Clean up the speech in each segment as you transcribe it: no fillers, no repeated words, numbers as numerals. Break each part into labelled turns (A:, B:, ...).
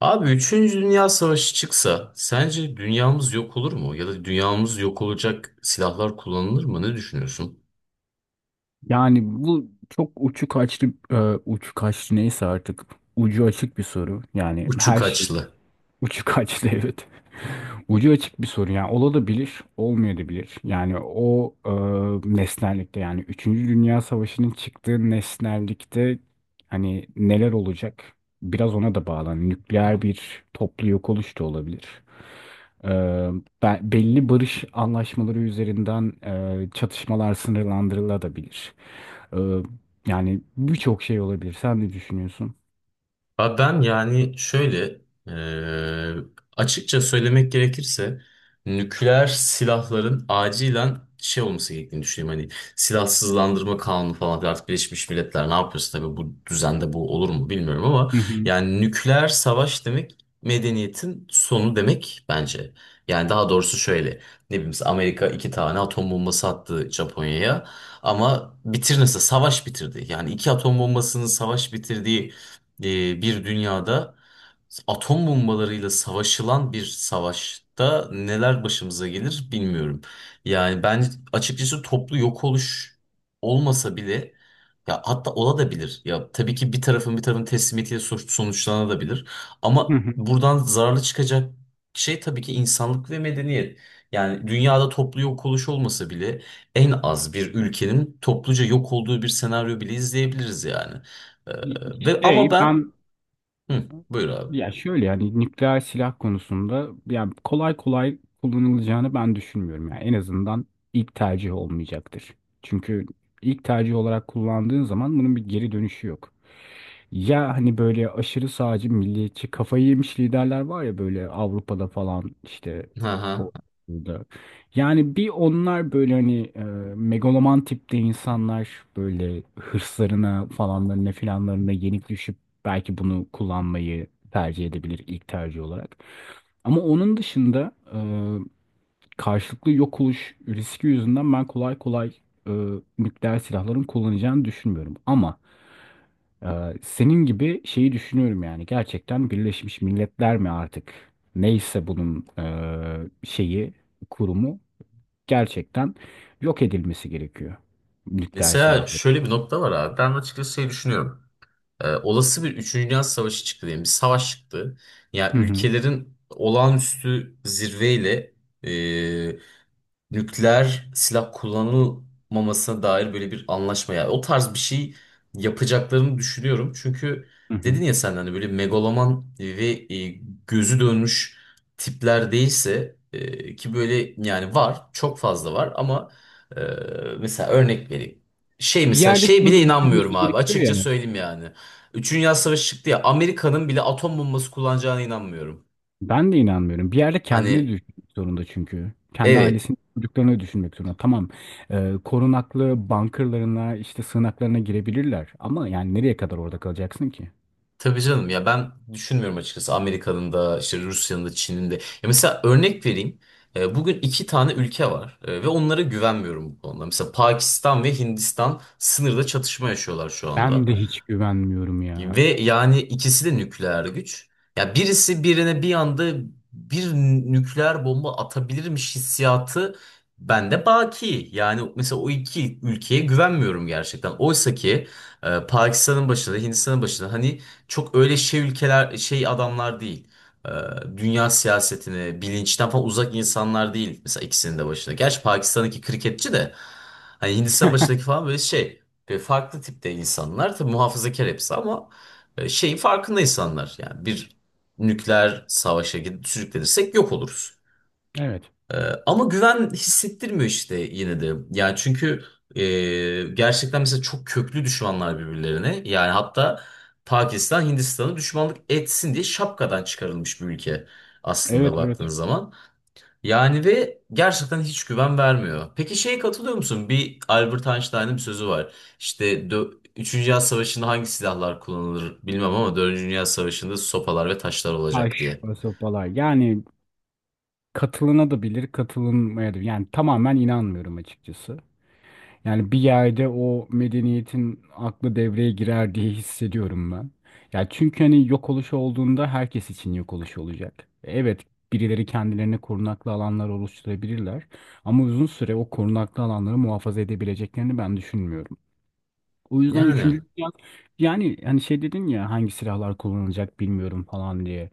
A: Abi üçüncü Dünya Savaşı çıksa sence dünyamız yok olur mu? Ya da dünyamız yok olacak silahlar kullanılır mı? Ne düşünüyorsun?
B: Yani bu çok uçu kaçtı, uçu kaçtı neyse artık ucu açık bir soru. Yani
A: Uçu
B: her şey
A: kaçlı.
B: uçu kaçtı evet. Ucu açık bir soru, yani olabilir, olmayabilir. Yani o nesnellikte, yani üçüncü Dünya Savaşı'nın çıktığı nesnellikte hani neler olacak? Biraz ona da bağlı. Hani nükleer bir toplu yok oluş da olabilir. E, Belli barış anlaşmaları üzerinden çatışmalar sınırlandırılabilir. Ee, Yani birçok şey olabilir. Sen ne düşünüyorsun?
A: Abi ben yani şöyle eee, açıkça söylemek gerekirse nükleer silahların acilen şey olması gerektiğini düşünüyorum. Hani silahsızlandırma kanunu falan filan. Artık Birleşmiş Milletler ne yapıyorsa tabii bu düzende bu olur mu bilmiyorum ama
B: Hı hı.
A: yani nükleer savaş demek medeniyetin sonu demek bence. Yani daha doğrusu şöyle ne bileyim mesela Amerika iki tane atom bombası attı Japonya'ya ama bitirmesi savaş bitirdi. Yani iki atom bombasının savaş bitirdiği bir dünyada atom bombalarıyla savaşılan bir savaşta neler başımıza gelir bilmiyorum. Yani ben açıkçası toplu yok oluş olmasa bile ya hatta olabilir. Ya tabii ki bir tarafın bir tarafın teslimiyetiyle sonuçlanabilir.
B: Hı
A: Ama
B: hı.
A: buradan zararlı çıkacak şey tabii ki insanlık ve medeniyet. Yani dünyada toplu yok oluş olmasa bile en az bir ülkenin topluca yok olduğu bir senaryo bile izleyebiliriz yani. Ve ama
B: Şey
A: ben
B: ben,
A: hı, buyur abi.
B: ya şöyle, yani nükleer silah konusunda, yani kolay kolay kullanılacağını ben düşünmüyorum. Yani en azından ilk tercih olmayacaktır. Çünkü ilk tercih olarak kullandığın zaman bunun bir geri dönüşü yok. Ya hani böyle aşırı sağcı milliyetçi kafayı yemiş liderler var ya, böyle Avrupa'da falan işte
A: Hı hı.
B: o- burada. Yani bir onlar böyle hani megaloman tipte insanlar, böyle hırslarına falanlarına filanlarına yenik düşüp belki bunu kullanmayı tercih edebilir ilk tercih olarak. Ama onun dışında karşılıklı yok oluş riski yüzünden ben kolay kolay e, nükleer silahların kullanacağını düşünmüyorum. Ama e, senin gibi şeyi düşünüyorum, yani gerçekten Birleşmiş Milletler mi artık, neyse bunun şeyi, kurumu, gerçekten yok edilmesi gerekiyor nükleer
A: Mesela
B: silahların.
A: şöyle bir nokta var abi. Ben açıkçası şey düşünüyorum. Olası bir üçüncü Dünya Savaşı çıktı diyelim. Bir savaş çıktı.
B: Hı
A: Yani
B: hı.
A: ülkelerin olağanüstü zirveyle nükleer silah kullanılmamasına dair böyle bir anlaşma ya o tarz bir şey yapacaklarını düşünüyorum. Çünkü
B: Hı hı.
A: dedin ya sen hani böyle megaloman ve e, gözü dönmüş tipler değilse ki böyle yani var çok fazla var ama e, mesela örnek vereyim. Şey
B: Bir
A: mesela
B: yerde
A: şey
B: şunu
A: bile
B: da
A: inanmıyorum
B: düşünmesi
A: abi
B: gerekiyor
A: açıkça
B: ya.
A: söyleyeyim yani. Üçüncü Dünya Savaşı çıktı ya Amerika'nın bile atom bombası kullanacağına inanmıyorum.
B: Ben de inanmıyorum. Bir yerde kendini
A: Hani
B: düşünmek zorunda çünkü. Kendi
A: evet.
B: ailesini, çocuklarını düşünmek zorunda. Tamam, korunaklı bunkerlarına, işte sığınaklarına girebilirler. Ama yani nereye kadar orada kalacaksın ki?
A: Tabii canım ya ben düşünmüyorum açıkçası Amerika'nın da işte Rusya'nın da Çin'in de. Ya mesela örnek vereyim. Bugün iki tane ülke var, ve onlara güvenmiyorum bu konuda. Mesela Pakistan ve Hindistan sınırda çatışma yaşıyorlar şu
B: Ben
A: anda.
B: de hiç güvenmiyorum ya.
A: Ve yani ikisi de nükleer güç. Ya birisi birine bir anda bir nükleer bomba atabilirmiş hissiyatı bende baki. Yani mesela o iki ülkeye güvenmiyorum gerçekten. Oysa ki Pakistan'ın başında, Hindistan'ın başında hani çok öyle şey ülkeler, şey adamlar değil. E, Dünya siyasetini, bilinçten falan uzak insanlar değil. Mesela ikisinin de başında. Gerçi Pakistan'daki kriketçi de hani Hindistan başındaki falan böyle şey. Ve farklı tipte insanlar. Tabii muhafazakar hepsi ama şeyin farkında insanlar. Yani bir nükleer savaşa gidip sürüklenirsek yok oluruz.
B: Evet,
A: E, Ama güven hissettirmiyor işte yine de. Yani çünkü e, gerçekten mesela çok köklü düşmanlar birbirlerine. Yani hatta Pakistan Hindistan'ı düşmanlık etsin diye şapkadan çıkarılmış bir ülke aslında
B: evet, evet.
A: baktığınız zaman. Yani ve gerçekten hiç güven vermiyor. Peki şeye katılıyor musun? Bir Albert Einstein'ın bir sözü var. İşte Üçüncü Dünya Savaşı'nda hangi silahlar kullanılır bilmem ama Dördüncü Dünya Savaşı'nda sopalar ve taşlar olacak
B: Taş
A: diye.
B: ve sopalar. Yani katılına da bilir, katılınmaya da. Yani tamamen inanmıyorum açıkçası. Yani bir yerde o medeniyetin aklı devreye girer diye hissediyorum ben. Ya çünkü hani yok oluş olduğunda herkes için yok oluş olacak. Evet, birileri kendilerine korunaklı alanlar oluşturabilirler ama uzun süre o korunaklı alanları muhafaza edebileceklerini ben düşünmüyorum. O yüzden
A: Yani
B: üçüncü dünya, yani hani şey dedin ya hangi silahlar kullanılacak bilmiyorum falan diye.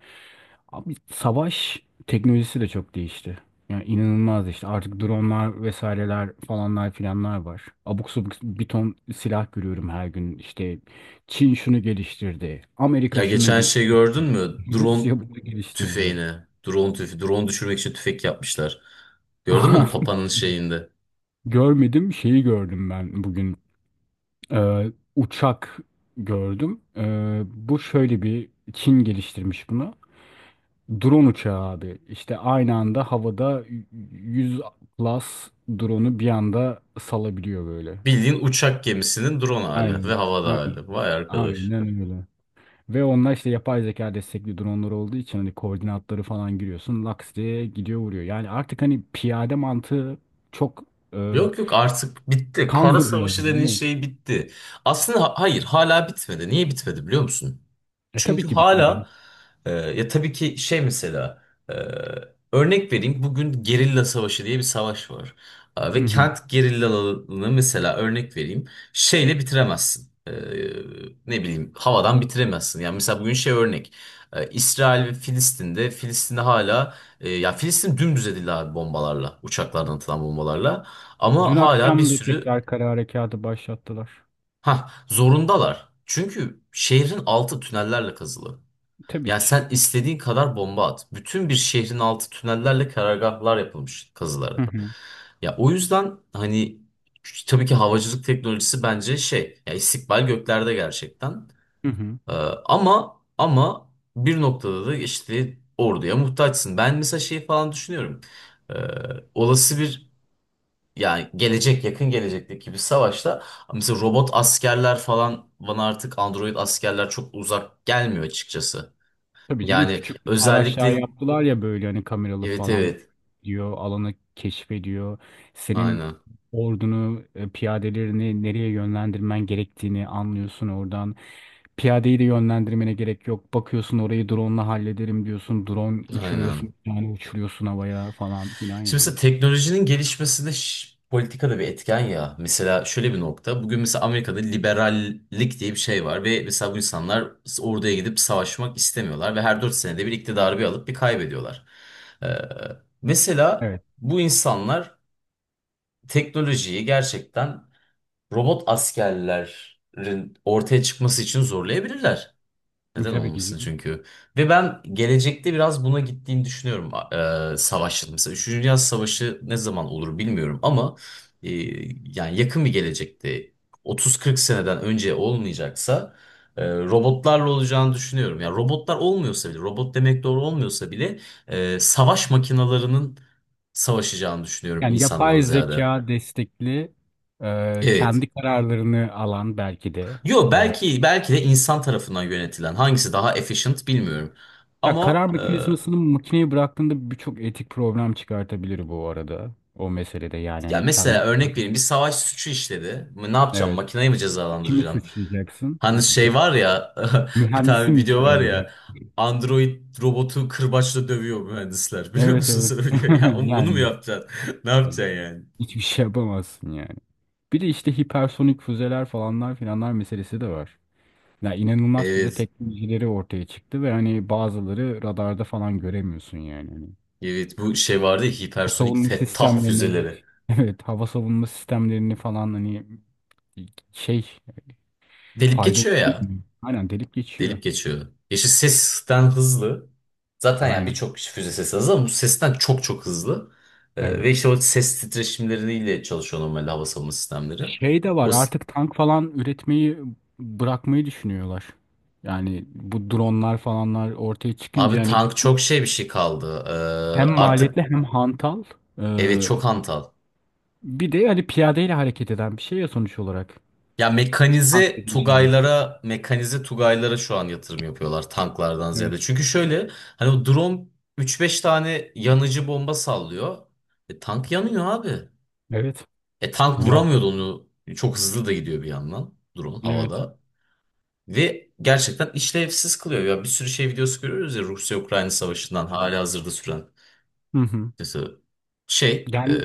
B: Abi savaş teknolojisi de çok değişti. Yani inanılmaz, işte artık dronlar vesaireler falanlar filanlar var. Abuk subuk bir ton silah görüyorum her gün. İşte Çin şunu geliştirdi.
A: ya geçen şey gördün mü? Drone
B: Rusya bunu geliştirdi.
A: tüfeğini. Drone düşürmek için tüfek yapmışlar. Gördün mü onu Papa'nın şeyinde?
B: Görmedim, şeyi gördüm ben bugün. Uçak gördüm. Bu şöyle, bir Çin geliştirmiş bunu. Drone uçağı abi. İşte aynı anda havada 100+ drone'u bir anda salabiliyor böyle.
A: Bildiğin uçak gemisinin drone hali ve
B: Aynen.
A: havada
B: Aynen.
A: hali. Vay arkadaş.
B: Aynen öyle. Ve onlar işte yapay zeka destekli dronlar olduğu için hani koordinatları falan giriyorsun. Laks diye gidiyor vuruyor. Yani artık hani piyade mantığı çok e,
A: Yok yok artık bitti. Kara
B: kalmadı
A: Savaşı
B: yani.
A: denen
B: Evet.
A: şey bitti. Aslında hayır hala bitmedi. Niye bitmedi biliyor musun?
B: E tabii
A: Çünkü
B: ki bitmedi.
A: hala ya tabii ki şey mesela e, örnek vereyim bugün gerilla savaşı diye bir savaş var.
B: Hı
A: Ve
B: hı.
A: kent gerillalarını mesela örnek vereyim şeyle bitiremezsin. Ne bileyim havadan bitiremezsin. Yani mesela bugün şey örnek. İsrail ve Filistin'de hala ya Filistin dümdüz edildi abi bombalarla uçaklardan atılan bombalarla.
B: Dün
A: Ama hala bir
B: akşam da
A: sürü
B: tekrar kara harekatı başlattılar.
A: ha zorundalar. Çünkü şehrin altı tünellerle kazılı.
B: Tabii
A: Yani
B: ki.
A: sen istediğin kadar bomba at. Bütün bir şehrin altı tünellerle karargahlar yapılmış
B: Hı
A: kazılarak.
B: hı.
A: Ya o yüzden hani tabii ki havacılık teknolojisi bence şey ya istikbal göklerde gerçekten.
B: Hı hı.
A: Ee, ama bir noktada da işte orduya muhtaçsın. Ben mesela şey falan düşünüyorum. Ee, Olası bir yani gelecek yakın gelecekteki bir savaşta mesela robot askerler falan bana artık android askerler çok uzak gelmiyor açıkçası.
B: Tabii canım,
A: Yani
B: küçük araçlar
A: özellikle
B: yaptılar ya, böyle hani kameralı
A: evet,
B: falan,
A: evet,
B: diyor alanı keşfediyor. Senin
A: aynen,
B: ordunu piyadelerini nereye yönlendirmen gerektiğini anlıyorsun oradan. Piyadeyi de yönlendirmene gerek yok. Bakıyorsun orayı drone'la hallederim diyorsun. Drone
A: aynen.
B: uçuruyorsun, yani uçuruyorsun havaya falan filan
A: Şimdi mesela
B: yani.
A: teknolojinin gelişmesinde politika da bir etken ya. Mesela şöyle bir nokta. Bugün mesela Amerika'da liberallik diye bir şey var ve mesela bu insanlar orduya gidip savaşmak istemiyorlar ve her 4 senede bir iktidarı bir alıp bir kaybediyorlar. Ee, mesela
B: Evet,
A: bu insanlar teknolojiyi gerçekten robot askerlerin ortaya çıkması için zorlayabilirler. Neden
B: tabii ki
A: olmasın
B: canım.
A: çünkü. Ve ben gelecekte biraz buna gittiğini düşünüyorum. Savaşın mesela 3. Dünya Savaşı ne zaman olur bilmiyorum ama yani yakın bir gelecekte 30-40 seneden önce olmayacaksa robotlarla olacağını düşünüyorum. Yani robotlar olmuyorsa bile, robot demek doğru olmuyorsa bile savaş makinalarının savaşacağını düşünüyorum
B: Yani
A: insandan
B: yapay
A: ziyade.
B: zeka destekli
A: Evet.
B: kendi kararlarını alan belki de.
A: Yo
B: e,
A: belki de insan tarafından yönetilen hangisi daha efficient bilmiyorum.
B: Ya
A: Ama
B: karar mekanizmasını makineye bıraktığında birçok etik problem çıkartabilir bu arada. O meselede, yani
A: ya
B: hani kendi
A: mesela
B: karar.
A: örnek vereyim bir savaş suçu işledi. Ne yapacağım?
B: Evet.
A: Makineyi mi
B: Kimi
A: cezalandıracağım?
B: suçlayacaksın?
A: Hani şey var ya bir
B: Mühendisi
A: tane
B: mi
A: video
B: içeri
A: var
B: alacaksın?
A: ya android robotu kırbaçla dövüyor mühendisler. Biliyor
B: Evet
A: musun
B: Evet.
A: sen o videoyu? Ya onu mu
B: Yani
A: yapacaksın? Ne
B: yani
A: yapacaksın yani?
B: hiçbir şey yapamazsın yani. Bir de işte hipersonik füzeler falanlar filanlar meselesi de var. Ya inanılmaz füze
A: Evet.
B: teknolojileri ortaya çıktı ve hani bazıları radarda falan göremiyorsun yani. Hani
A: Evet bu şey vardı ya
B: hava
A: hipersonik
B: savunma
A: Fettah
B: sistemlerini,
A: füzeleri.
B: evet. Evet, hava savunma sistemlerini falan hani şey
A: Delip
B: faydalı
A: geçiyor ya.
B: olmuyor. Aynen, delip geçiyor.
A: Delip geçiyor. Yeşil sesten hızlı. Zaten yani
B: Aynen.
A: birçok işte füze sesi hızlı ama bu sesten çok hızlı. Ve
B: Evet.
A: işte o ses titreşimleriyle çalışıyor normal hava savunma sistemleri.
B: Şey de var,
A: O s-
B: artık tank falan üretmeyi bırakmayı düşünüyorlar. Yani bu dronlar falanlar ortaya
A: abi
B: çıkınca hani
A: tank çok şey bir şey kaldı.
B: hem maliyetli
A: Artık
B: hem hantal,
A: evet
B: ee,
A: çok hantal.
B: bir de hani piyadeyle hareket eden bir şey ya sonuç olarak.
A: Ya
B: Bir şey.
A: Mekanize Tugaylara şu an yatırım yapıyorlar tanklardan
B: Evet.
A: ziyade. Çünkü şöyle hani o drone 3-5 tane yanıcı bomba sallıyor. E, tank yanıyor abi.
B: Evet.
A: E, tank
B: Ya,
A: vuramıyordu onu. Çok hızlı da gidiyor bir yandan drone
B: evet.
A: havada. Ve gerçekten işlevsiz kılıyor. Ya bir sürü şey videosu görüyoruz ya Rusya-Ukrayna savaşından hali hazırda süren.
B: Hı hı.
A: Mesela şey,
B: Yani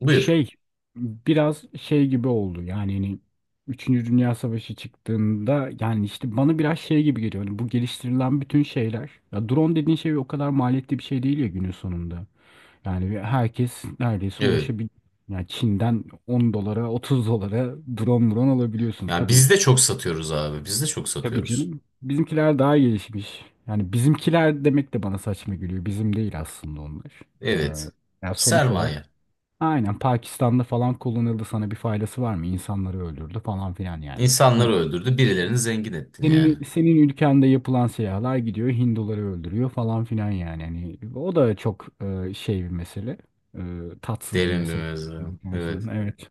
A: buyur.
B: şey, biraz şey gibi oldu yani hani Üçüncü Dünya Savaşı çıktığında yani işte bana biraz şey gibi geliyor. Hani bu geliştirilen bütün şeyler, ya drone dediğin şey o kadar maliyetli bir şey değil ya günün sonunda. Yani ve herkes neredeyse
A: Evet.
B: ulaşabilir. Yani Çin'den 10 dolara 30 dolara drone alabiliyorsun.
A: Yani
B: Tabii,
A: biz de çok satıyoruz abi. Biz de çok
B: tabii
A: satıyoruz.
B: canım. Bizimkiler daha gelişmiş. Yani bizimkiler demek de bana saçma geliyor. Bizim değil aslında onlar. Ee,
A: Evet.
B: Yani sonuç olarak
A: Sermaye.
B: aynen Pakistan'da falan kullanıldı, sana bir faydası var mı? İnsanları öldürdü falan filan yani. Hi-
A: İnsanları öldürdü. Birilerini zengin ettin yani.
B: Senin, senin ülkende yapılan silahlar gidiyor Hinduları öldürüyor falan filan yani. Hani o da çok şey bir mesele. E, Tatsız bir
A: Derin bir
B: mesele.
A: mevzu. Evet.
B: Evet.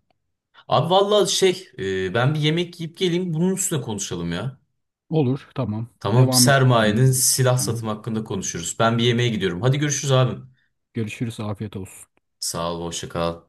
A: Abi vallahi şey, ben bir yemek yiyip geleyim. Bunun üstüne konuşalım ya.
B: Olur, tamam.
A: Tamam,
B: Devam
A: sermayenin
B: edelim.
A: silah satımı hakkında konuşuruz. Ben bir yemeğe gidiyorum. Hadi görüşürüz abim.
B: Görüşürüz, afiyet olsun.
A: Sağ ol, hoşça kal.